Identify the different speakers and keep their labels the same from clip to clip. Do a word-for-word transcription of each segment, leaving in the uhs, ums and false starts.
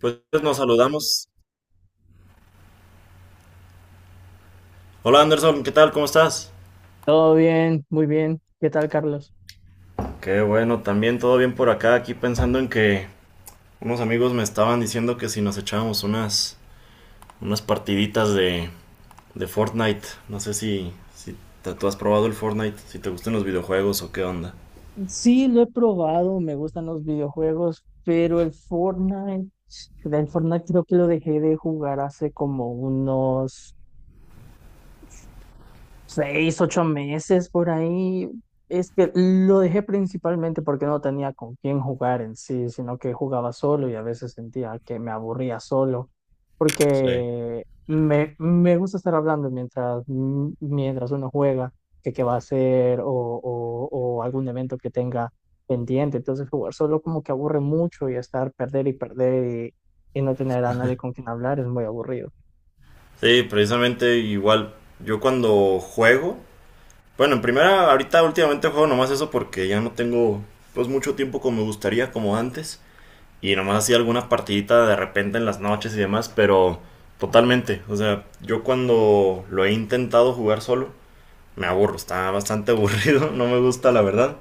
Speaker 1: Pues nos saludamos. Hola Anderson, ¿qué tal? ¿Cómo estás?
Speaker 2: Todo bien, muy bien. ¿Qué tal, Carlos?
Speaker 1: Qué bueno, también todo bien por acá, aquí pensando en que unos amigos me estaban diciendo que si nos echábamos unas, unas partiditas de, de Fortnite, no sé si, si te- tú has probado el Fortnite, si te gustan los videojuegos o qué onda.
Speaker 2: Sí, lo he probado, me gustan los videojuegos, pero el Fortnite, el Fortnite creo que lo dejé de jugar hace como unos seis, ocho meses por ahí. Es que lo dejé principalmente porque no tenía con quién jugar en sí, sino que jugaba solo y a veces sentía que me aburría solo,
Speaker 1: Sí.
Speaker 2: porque me, me gusta estar hablando mientras, mientras uno juega, que qué va a hacer o, o, o algún evento que tenga pendiente. Entonces jugar solo como que aburre mucho y estar perder y perder y, y no tener a nadie con quien hablar es muy aburrido.
Speaker 1: Sí, precisamente igual. Yo cuando juego, bueno, en primera, ahorita últimamente juego nomás eso porque ya no tengo pues mucho tiempo como me gustaría, como antes. Y nomás hacía algunas partiditas de repente en las noches y demás, pero totalmente. O sea, yo cuando lo he intentado jugar solo, me aburro, está bastante aburrido, no me gusta la verdad.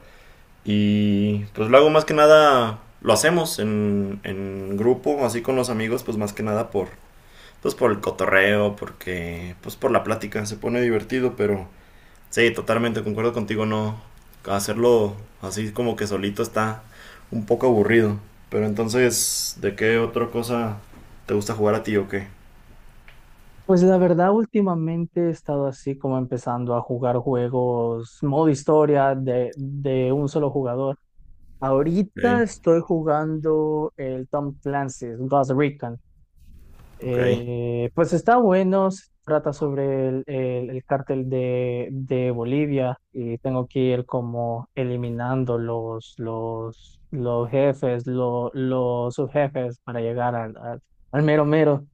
Speaker 1: Y pues lo hago más que nada, lo hacemos en, en grupo, así con los amigos, pues más que nada por, pues por el cotorreo, porque pues por la plática, se pone divertido, pero. Sí, totalmente, concuerdo contigo, ¿no? Hacerlo así como que solito está un poco aburrido. Pero entonces, ¿de qué otra cosa te gusta jugar a ti o qué?
Speaker 2: Pues la verdad, últimamente he estado así como empezando a jugar juegos modo historia de, de un solo jugador. Ahorita
Speaker 1: Ok,
Speaker 2: estoy jugando el Tom Clancy's Ghost Recon.
Speaker 1: ok.
Speaker 2: Eh, pues está bueno, se trata sobre el, el- el cártel de, de Bolivia y tengo que ir como eliminando los, los, los jefes, lo- los subjefes para llegar al, al al mero mero.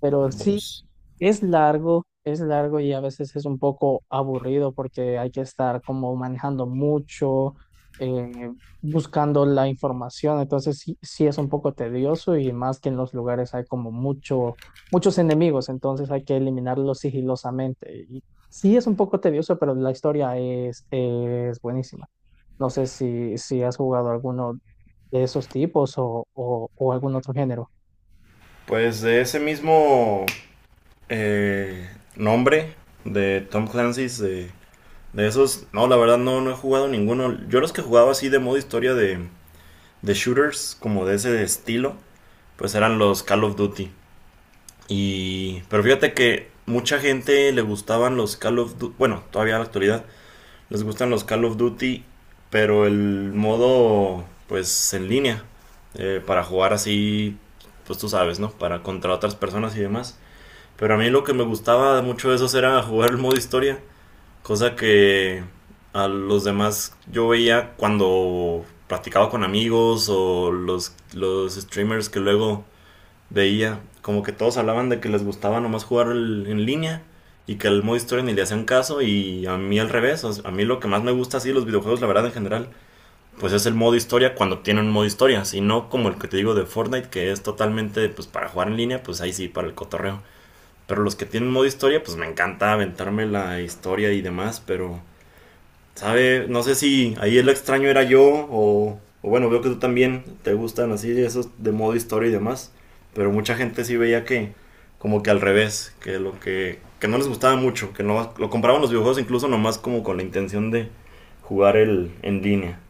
Speaker 2: Pero sí,
Speaker 1: Vos.
Speaker 2: es largo, es largo y a veces es un poco aburrido porque hay que estar como manejando mucho, eh, buscando la información. Entonces sí, sí es un poco tedioso y más que en los lugares hay como mucho, muchos enemigos, entonces hay que eliminarlos sigilosamente. Y sí es un poco tedioso, pero la historia es, es buenísima. No sé si, si has jugado alguno de esos tipos o, o, o algún otro género.
Speaker 1: Pues de ese mismo eh, nombre de Tom Clancy's, de, de esos, no, la verdad no, no he jugado ninguno. Yo los que jugaba así de modo historia de, de shooters, como de ese estilo, pues eran los Call of Duty. Y, pero fíjate que mucha gente le gustaban los Call of Duty, bueno, todavía en la actualidad les gustan los Call of Duty, pero el modo pues en línea eh, para jugar así, pues tú sabes, ¿no? Para contra otras personas y demás. Pero a mí lo que me gustaba mucho de esos era jugar el modo historia, cosa que a los demás yo veía cuando practicaba con amigos o los, los streamers que luego veía como que todos hablaban de que les gustaba nomás jugar el- en línea, y que el modo historia ni le hacían caso, y a mí al revés. O sea, a mí lo que más me gusta así los videojuegos, la verdad en general, pues es el modo historia cuando tienen un modo historia, si no como el que te digo de Fortnite, que es totalmente pues para jugar en línea, pues ahí sí para el cotorreo. Pero los que tienen modo historia, pues me encanta aventarme la historia y demás, pero. Sabe, no sé si ahí el extraño era yo o, o bueno, veo que tú también te gustan así esos de modo historia y demás, pero mucha gente sí veía que como que al revés, que lo que, que no les gustaba mucho, que no, lo compraban los videojuegos incluso nomás como con la intención de jugar el en línea.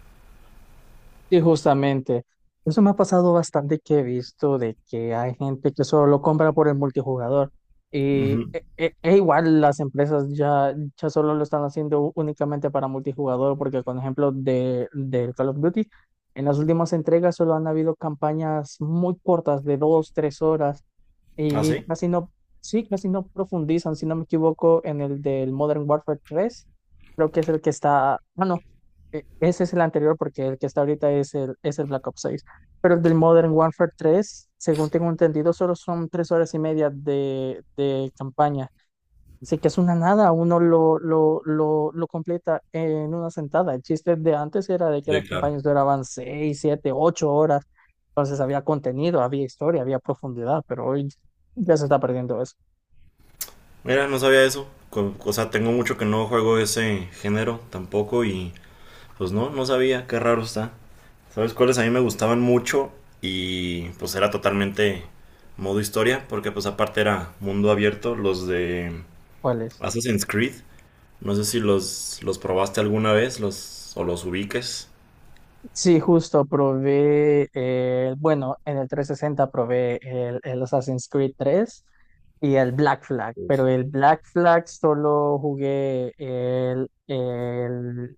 Speaker 2: Sí, justamente. Eso me ha pasado bastante que he visto de que hay gente que solo lo compra por el multijugador. Y
Speaker 1: Ujú.
Speaker 2: e, e- e igual las empresas ya, ya solo lo están haciendo ú- únicamente para multijugador, porque con ejemplo de, del Call of Duty, en las últimas entregas solo han habido campañas muy cortas de dos, tres horas
Speaker 1: ¿Ah,
Speaker 2: y
Speaker 1: sí?
Speaker 2: casi no, sí, casi no profundizan, si no me equivoco, en el del Modern Warfare tres creo que es el que está, bueno, e- ese es el anterior porque el que está ahorita es el, es el Black Ops seis. Pero el del Modern Warfare tres, según tengo entendido, solo son tres horas y media de, de campaña. Así que es una nada, uno lo, lo, lo, lo completa en una sentada. El chiste de antes era de que
Speaker 1: Sí,
Speaker 2: las
Speaker 1: claro.
Speaker 2: campañas duraban seis, siete, ocho horas. Entonces había contenido, había historia, había profundidad, pero hoy ya se está perdiendo eso.
Speaker 1: Mira, no sabía eso. Co- O sea, tengo mucho que no juego ese género tampoco y pues no, no sabía, qué raro está. ¿Sabes cuáles a mí me gustaban mucho? Y pues era totalmente modo historia, porque pues aparte era mundo abierto, los de
Speaker 2: ¿Cuál es?
Speaker 1: Assassin's Creed. No sé si los, los probaste alguna vez los, o los ubiques.
Speaker 2: Sí, justo probé, eh, bueno, en el trescientos sesenta probé el, el Assassin's Creed tres y el Black Flag, pero
Speaker 1: Uf.
Speaker 2: el Black Flag solo jugué el, el,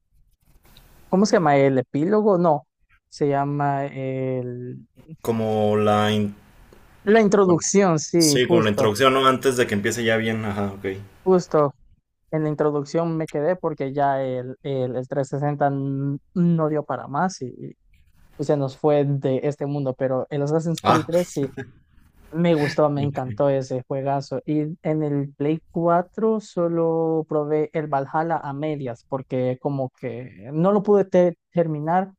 Speaker 2: ¿cómo se llama? El epílogo, no, se llama el,
Speaker 1: Como la... in-
Speaker 2: la
Speaker 1: bueno,
Speaker 2: introducción, sí,
Speaker 1: sí, como la
Speaker 2: justo,
Speaker 1: introducción, ¿no? Antes de que empiece ya bien, ajá, ok.
Speaker 2: justo. En la introducción me quedé porque ya el, el, el trescientos sesenta n- no dio para más y, y se nos fue de este mundo, pero el Assassin's Creed
Speaker 1: Ah,
Speaker 2: tres sí. Me gustó, me encantó
Speaker 1: ok.
Speaker 2: ese juegazo. Y en el Play cuatro solo probé el Valhalla a medias, porque como que no lo pude te- terminar,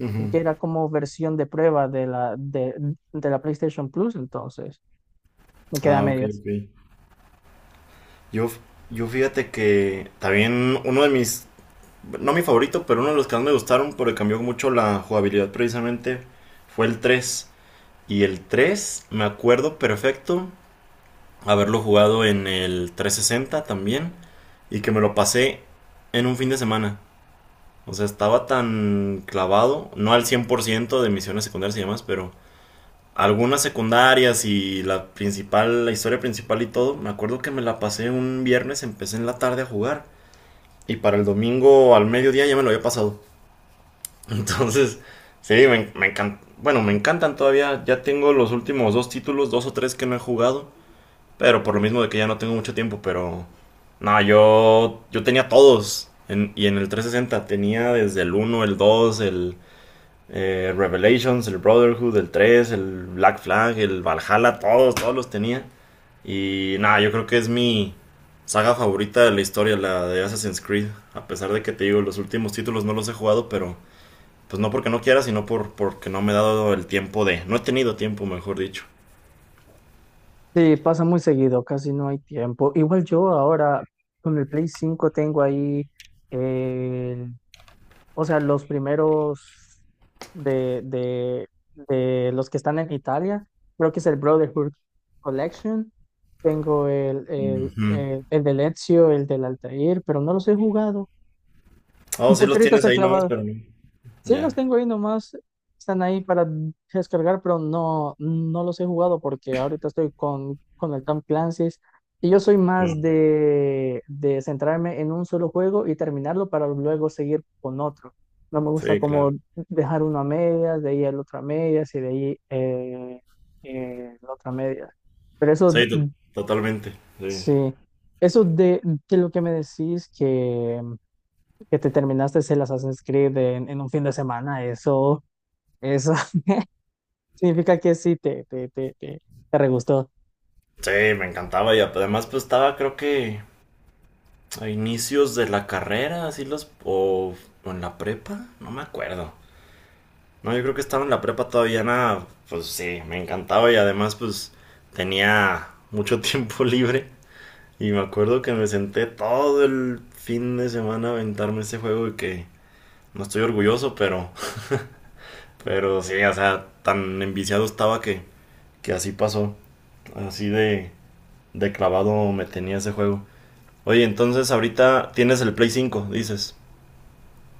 Speaker 1: Ujú.
Speaker 2: porque era como versión de prueba de la, de, de la PlayStation Plus, entonces me quedé a
Speaker 1: Ah, ok,
Speaker 2: medias.
Speaker 1: ok. Yo, yo fíjate que también, uno de mis no mi favorito, pero uno de los que más me gustaron porque cambió mucho la jugabilidad precisamente, fue el tres. Y el tres me acuerdo perfecto haberlo jugado en el trescientos sesenta también, y que me lo pasé en un fin de semana. O sea, estaba tan clavado, no al cien por ciento de misiones secundarias y demás, pero algunas secundarias y la principal, la historia principal y todo. Me acuerdo que me la pasé un viernes, empecé en la tarde a jugar, y para el domingo al mediodía ya me lo había pasado. Entonces sí, me, me encanta. Bueno, me encantan todavía. Ya tengo los últimos dos títulos, dos o tres, que no he jugado. Pero por lo mismo de que ya no tengo mucho tiempo, pero. No, yo. Yo tenía todos. En- y en el trescientos sesenta tenía desde el uno, el dos, el eh, Revelations, el Brotherhood, el tres, el Black Flag, el Valhalla, todos, todos los tenía. Y nada, yo creo que es mi saga favorita de la historia, la de Assassin's Creed. A pesar de que te digo, los últimos títulos no los he jugado, pero pues no porque no quiera, sino por, porque no me he dado el tiempo de, no he tenido tiempo, mejor dicho.
Speaker 2: Sí, pasa muy seguido, casi no hay tiempo. Igual yo ahora con el Play cinco tengo ahí. O sea, los primeros de, de, de los que están en Italia, creo que es el Brotherhood Collection. Tengo el, el,
Speaker 1: Ujú.
Speaker 2: el, el de Ezio, el del Altair, pero no los he jugado.
Speaker 1: Oh, sí
Speaker 2: Porque
Speaker 1: los
Speaker 2: ahorita
Speaker 1: tienes
Speaker 2: estoy
Speaker 1: ahí nomás,
Speaker 2: clavado.
Speaker 1: pero no.
Speaker 2: Sí, los
Speaker 1: Ya.
Speaker 2: tengo ahí nomás, están ahí para descargar, pero no, no los he jugado porque ahorita estoy con, con el Tom Clancy's y yo soy
Speaker 1: No.
Speaker 2: más de, de centrarme en un solo juego y terminarlo para luego seguir con otro. No me gusta
Speaker 1: Sí, claro.
Speaker 2: como dejar uno a medias, de ahí el otro a medias y de ahí eh, eh, la otra a medias. Pero eso,
Speaker 1: Sí,
Speaker 2: mm,
Speaker 1: to- totalmente. Sí.
Speaker 2: sí, eso de, de lo que me decís que, que te terminaste el Assassin's Creed en en un fin de semana, eso... Eso significa que sí, te, te, te, te, te re gustó.
Speaker 1: Sí, me encantaba, y además pues estaba creo que a inicios de la carrera, así los... o, o en la prepa, no me acuerdo. No, yo creo que estaba en la prepa todavía, nada, pues sí, me encantaba, y además pues tenía mucho tiempo libre. Y me acuerdo que me senté todo el fin de semana a aventarme ese juego, y que no estoy orgulloso, pero, pero sí, o sea, tan enviciado estaba, que, que así pasó. Así de, de clavado me tenía ese juego. Oye, entonces ahorita tienes el Play cinco, dices.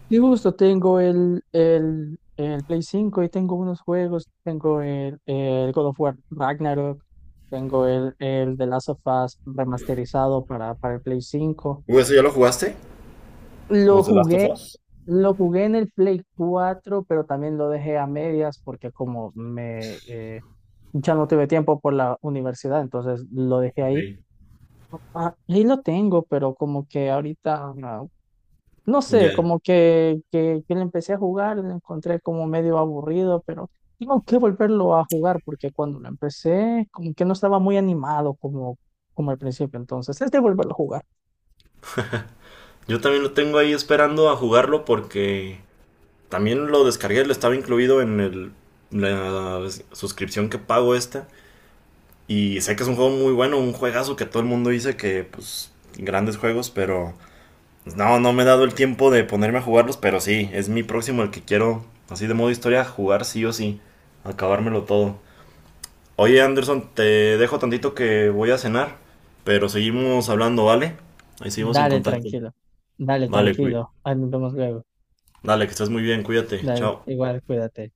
Speaker 2: Sí, justo tengo el, el, el Play cinco y tengo unos juegos. Tengo el, el God of War Ragnarok. Tengo el, el The Last of Us remasterizado para, para el Play cinco.
Speaker 1: Uh, ¿eso ya lo jugaste?
Speaker 2: Lo
Speaker 1: ¿Los de Last of
Speaker 2: jugué,
Speaker 1: Us?
Speaker 2: lo jugué en el Play cuatro, pero también lo dejé a medias porque como me eh, ya no tuve tiempo por la universidad, entonces lo dejé ahí.
Speaker 1: Sí.
Speaker 2: Ah, ahí lo tengo, pero como que ahorita no. No sé,
Speaker 1: Ya.
Speaker 2: como que, que, que le empecé a jugar, lo encontré como medio aburrido, pero tengo que volverlo a jugar porque cuando lo empecé, como que no estaba muy animado como, como al principio. Entonces, es de volverlo a jugar.
Speaker 1: Yo también lo tengo ahí esperando a jugarlo, porque también lo descargué, lo estaba incluido en el, la suscripción que pago esta. Y sé que es un juego muy bueno, un juegazo que todo el mundo dice que, pues, grandes juegos, pero pues, no, no me he dado el tiempo de ponerme a jugarlos, pero sí, es mi próximo el que quiero, así de modo historia, jugar sí o sí, acabármelo todo. Oye, Anderson, te dejo tantito que voy a cenar, pero seguimos hablando, ¿vale? Ahí seguimos en
Speaker 2: Dale,
Speaker 1: contacto.
Speaker 2: tranquilo. Dale,
Speaker 1: Vale, cuí-
Speaker 2: tranquilo. Ahí nos vemos luego.
Speaker 1: dale, que estés muy bien, cuídate,
Speaker 2: Dale,
Speaker 1: chao.
Speaker 2: igual, cuídate.